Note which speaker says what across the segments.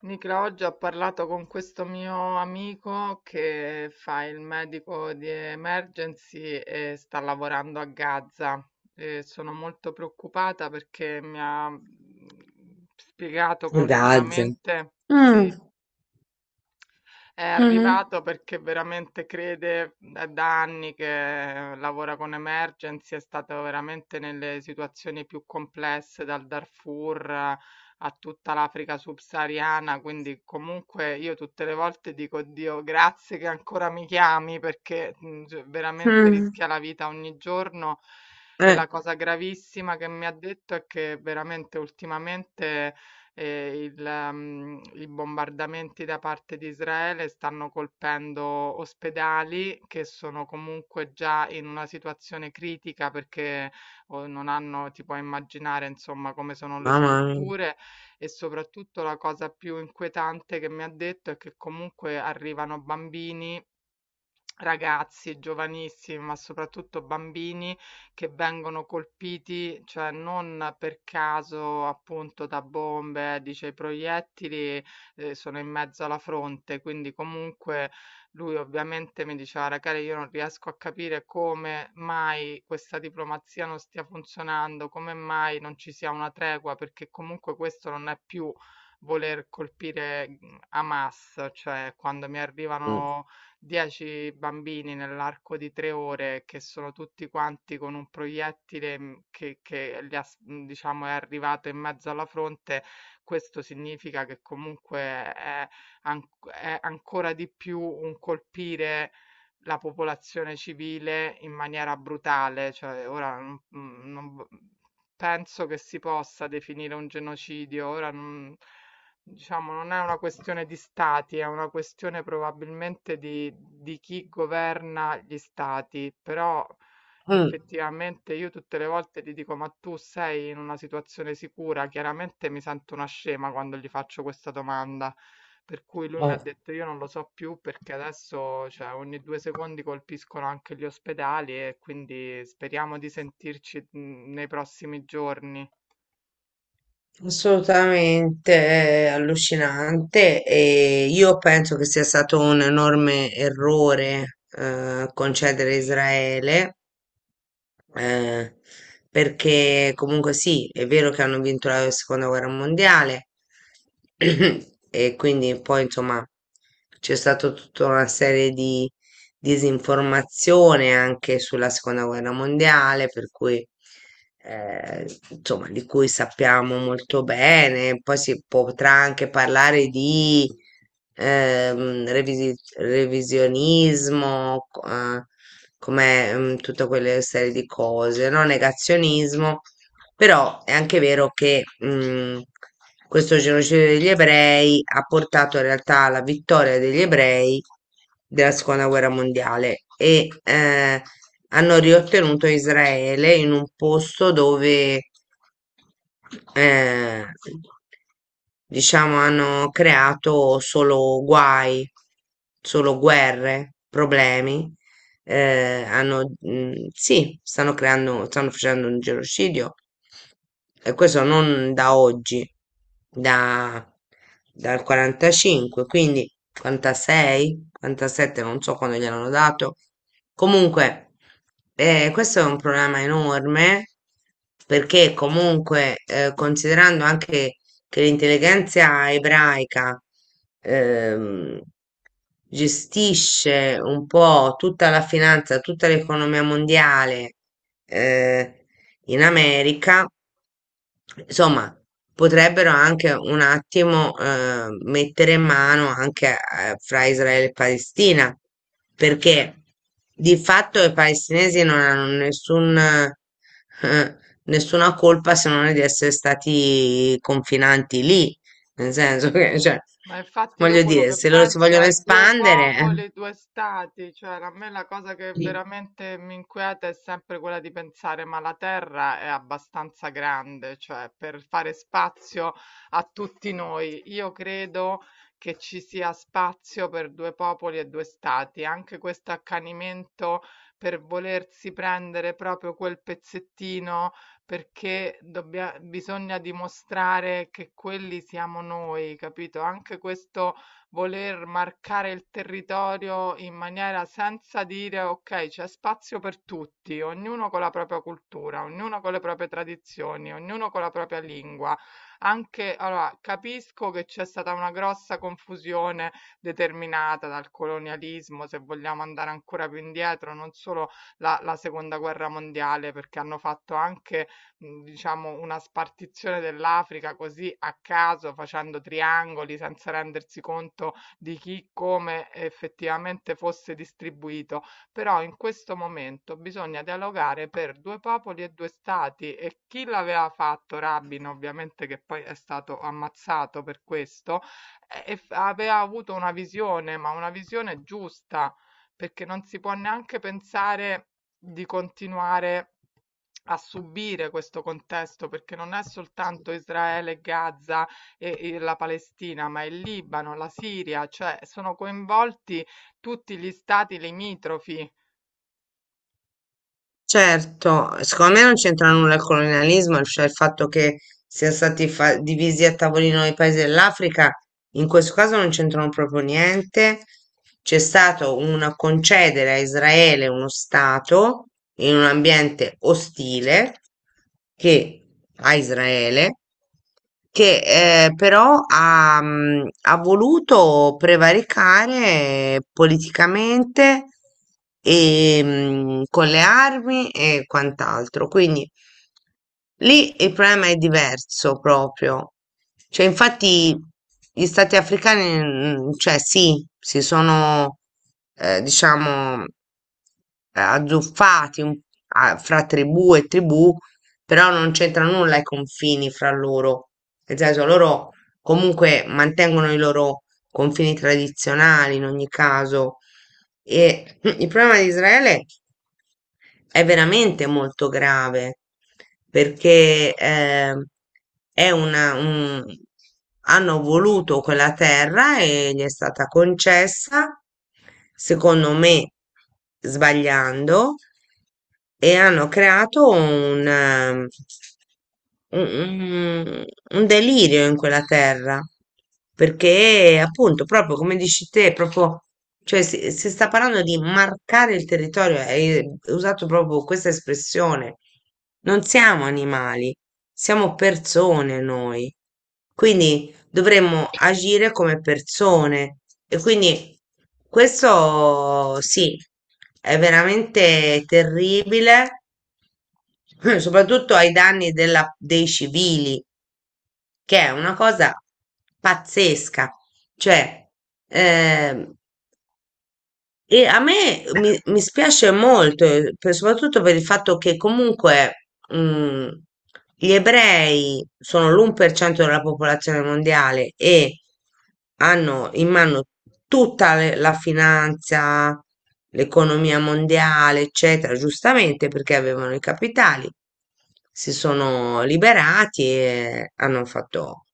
Speaker 1: Nicola, oggi ho parlato con questo mio amico che fa il medico di Emergency e sta lavorando a Gaza. E sono molto preoccupata perché mi ha spiegato che
Speaker 2: A Gaza.
Speaker 1: ultimamente, sì,
Speaker 2: Mm.
Speaker 1: è
Speaker 2: Mhm.
Speaker 1: arrivato perché veramente crede, è da anni che lavora con Emergency, è stato veramente nelle situazioni più complesse, dal Darfur a tutta l'Africa subsahariana, quindi comunque io tutte le volte dico Dio, grazie che ancora mi chiami perché cioè, veramente
Speaker 2: Mm.
Speaker 1: rischia la vita ogni giorno. E la cosa gravissima che mi ha detto è che veramente ultimamente i bombardamenti da parte di Israele stanno colpendo ospedali che sono comunque già in una situazione critica perché o non hanno ti puoi immaginare, insomma, come sono le
Speaker 2: Mamma mia.
Speaker 1: strutture e soprattutto la cosa più inquietante che mi ha detto è che comunque arrivano bambini ragazzi giovanissimi, ma soprattutto bambini che vengono colpiti, cioè non per caso appunto da bombe, dice i proiettili sono in mezzo alla fronte, quindi comunque lui ovviamente mi diceva, ragazzi, io non riesco a capire come mai questa diplomazia non stia funzionando, come mai non ci sia una tregua, perché comunque questo non è più voler colpire Hamas, cioè quando mi
Speaker 2: Mm.
Speaker 1: arrivano 10 bambini nell'arco di 3 ore che sono tutti quanti con un proiettile, che li ha diciamo è arrivato in mezzo alla fronte, questo significa che comunque è anc è ancora di più un colpire la popolazione civile in maniera brutale. Cioè ora non mhmm, non v penso che si possa definire un genocidio. Ora non. Diciamo, non è una questione di stati, è una questione probabilmente di chi governa gli stati, però
Speaker 2: Mm.
Speaker 1: effettivamente io tutte le volte gli dico, ma tu sei in una situazione sicura? Chiaramente mi sento una scema quando gli faccio questa domanda, per cui lui mi ha
Speaker 2: eh,
Speaker 1: detto, io non lo so più perché adesso, cioè, ogni 2 secondi colpiscono anche gli ospedali e quindi speriamo di sentirci nei prossimi giorni.
Speaker 2: Assolutamente allucinante e io penso che sia stato un enorme errore concedere a Israele, eh, perché comunque sì, è vero che hanno vinto la seconda guerra mondiale. E quindi poi insomma c'è stata tutta una serie di disinformazione anche sulla seconda guerra mondiale, per cui insomma, di cui sappiamo molto bene, poi si potrà anche parlare di revisionismo, come, tutte quelle serie di cose, no? Negazionismo. Però è anche vero che, questo genocidio degli ebrei ha portato in realtà alla vittoria degli ebrei della seconda guerra mondiale, e hanno riottenuto Israele in un posto dove, eh, diciamo, hanno creato solo guai, solo guerre, problemi. Hanno, sì, stanno creando, stanno facendo un genocidio, e questo non da oggi, da, dal 45, quindi 46, 47, non so quando gliel'hanno dato. Comunque, questo è un problema enorme, perché comunque, considerando anche che l'intelligenza ebraica ehm, gestisce un po' tutta la finanza, tutta l'economia mondiale, eh, in America, insomma, potrebbero anche un attimo mettere mano anche fra Israele e Palestina, perché di fatto i palestinesi non hanno nessun, eh, nessuna colpa, se non di essere stati confinanti lì, nel senso che, cioè,
Speaker 1: Ma infatti io
Speaker 2: voglio
Speaker 1: quello
Speaker 2: dire,
Speaker 1: che
Speaker 2: se loro si
Speaker 1: penso
Speaker 2: vogliono
Speaker 1: è due
Speaker 2: espandere.
Speaker 1: popoli, due stati, cioè a me la cosa che
Speaker 2: eh,
Speaker 1: veramente mi inquieta è sempre quella di pensare, ma la Terra è abbastanza grande, cioè per fare spazio a tutti noi. Io credo che ci sia spazio per due popoli e due stati, anche questo accanimento per volersi prendere proprio quel pezzettino perché dobbia bisogna dimostrare che quelli siamo noi, capito? Anche questo voler marcare il territorio in maniera senza dire: "Okay, c'è spazio per tutti", ognuno con la propria cultura, ognuno con le proprie tradizioni, ognuno con la propria lingua. Anche allora, capisco che c'è stata una grossa confusione determinata dal colonialismo, se vogliamo andare ancora più indietro, non solo la seconda guerra mondiale, perché hanno fatto anche diciamo una spartizione dell'Africa così a caso, facendo triangoli senza rendersi conto di chi, come effettivamente fosse distribuito. Però in questo momento bisogna dialogare per due popoli e due stati e chi l'aveva fatto, Rabin ovviamente che poi è stato ammazzato per questo, e f aveva avuto una visione, ma una visione giusta, perché non si può neanche pensare di continuare a subire questo contesto, perché non è soltanto Israele, Gaza e la Palestina, ma il Libano, la Siria, cioè sono coinvolti tutti gli stati limitrofi.
Speaker 2: Certo, secondo me non c'entra nulla il colonialismo, cioè il fatto che siano stati divisi a tavolino i paesi dell'Africa, in questo caso non c'entrano proprio niente. C'è stato un concedere a Israele uno Stato in un ambiente ostile, che a Israele, che però ha, ha voluto prevaricare politicamente e, con le armi e quant'altro. Quindi lì il problema è diverso proprio. Cioè, infatti, gli stati africani, cioè sì, si sono, diciamo, azzuffati fra tribù e tribù, però non c'entra nulla i confini fra loro, nel senso loro comunque mantengono i loro confini tradizionali in ogni caso. E il problema di Israele è veramente molto grave, perché è una, un- hanno voluto quella terra e gli è stata concessa, secondo me sbagliando, e hanno creato un, un un delirio in quella terra, perché appunto, proprio come dici te, proprio, cioè si sta parlando di marcare il territorio, hai usato proprio questa espressione. Non siamo animali, siamo persone noi. Quindi dovremmo agire come persone. E quindi questo sì, è veramente terribile, soprattutto ai danni dei civili, che è una cosa pazzesca. Cioè, ehm, e a me mi spiace molto, soprattutto per il fatto che comunque, gli ebrei sono l'1% della popolazione mondiale e hanno in mano tutta la finanza, l'economia mondiale, eccetera, giustamente perché avevano i capitali, si sono liberati e hanno fatto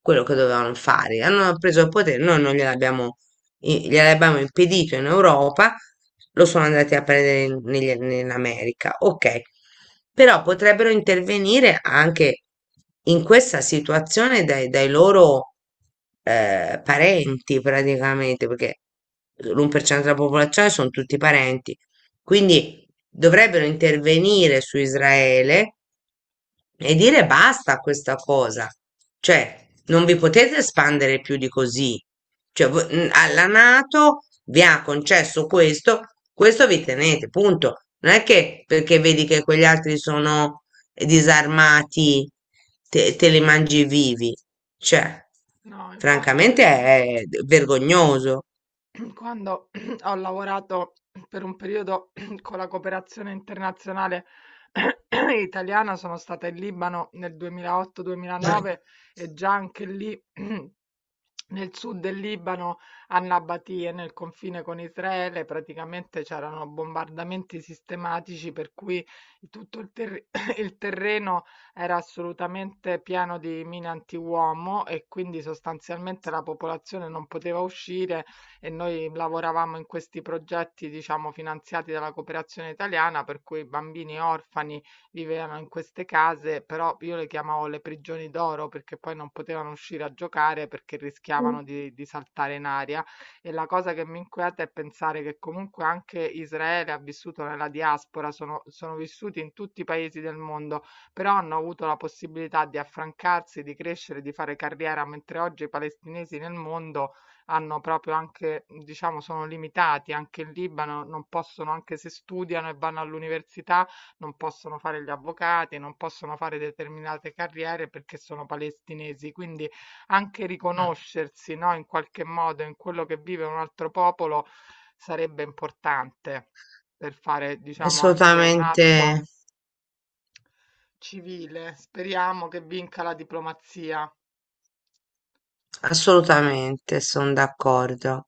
Speaker 2: quello che dovevano fare, hanno preso il potere. Noi non gliel'abbiamo, gliel'abbiamo impedito in Europa, lo sono andati a prendere in, in America. Ok, però potrebbero intervenire anche in questa situazione, dai loro parenti praticamente, perché l'1% della popolazione sono tutti parenti. Quindi dovrebbero intervenire su Israele e dire basta a questa cosa. Cioè, non vi potete espandere più di così. Cioè, alla NATO vi ha concesso questo, questo vi tenete, punto. Non è che perché vedi che quegli altri sono disarmati, te li mangi vivi. Cioè,
Speaker 1: No, infatti io
Speaker 2: francamente
Speaker 1: ti dico,
Speaker 2: è vergognoso.
Speaker 1: quando ho lavorato per un periodo con la cooperazione internazionale italiana, sono stata in Libano nel
Speaker 2: Mm.
Speaker 1: 2008-2009 e già anche lì nel sud del Libano, a Nabatie, nel confine con Israele, praticamente c'erano bombardamenti sistematici per cui tutto il terreno era assolutamente pieno di mine antiuomo e quindi sostanzialmente la popolazione non poteva uscire e noi lavoravamo in questi progetti, diciamo, finanziati dalla cooperazione italiana, per cui i bambini orfani vivevano in queste case, però io le chiamavo le prigioni d'oro perché poi non potevano uscire a giocare perché rischiavano di saltare in aria. E la cosa che mi inquieta è pensare che comunque anche Israele ha vissuto nella diaspora, sono vissuti in tutti i paesi del mondo, però hanno avuto la possibilità di affrancarsi, di crescere, di fare carriera, mentre oggi i palestinesi nel mondo hanno proprio anche, diciamo, sono limitati anche in Libano, non possono, anche se studiano e vanno all'università, non possono fare gli avvocati, non possono fare determinate carriere perché sono palestinesi. Quindi anche riconoscersi, no, in qualche modo in quello che vive un altro popolo sarebbe importante per fare, diciamo, anche un
Speaker 2: Assolutamente.
Speaker 1: atto civile. Speriamo che vinca la diplomazia.
Speaker 2: Assolutamente, sono d'accordo.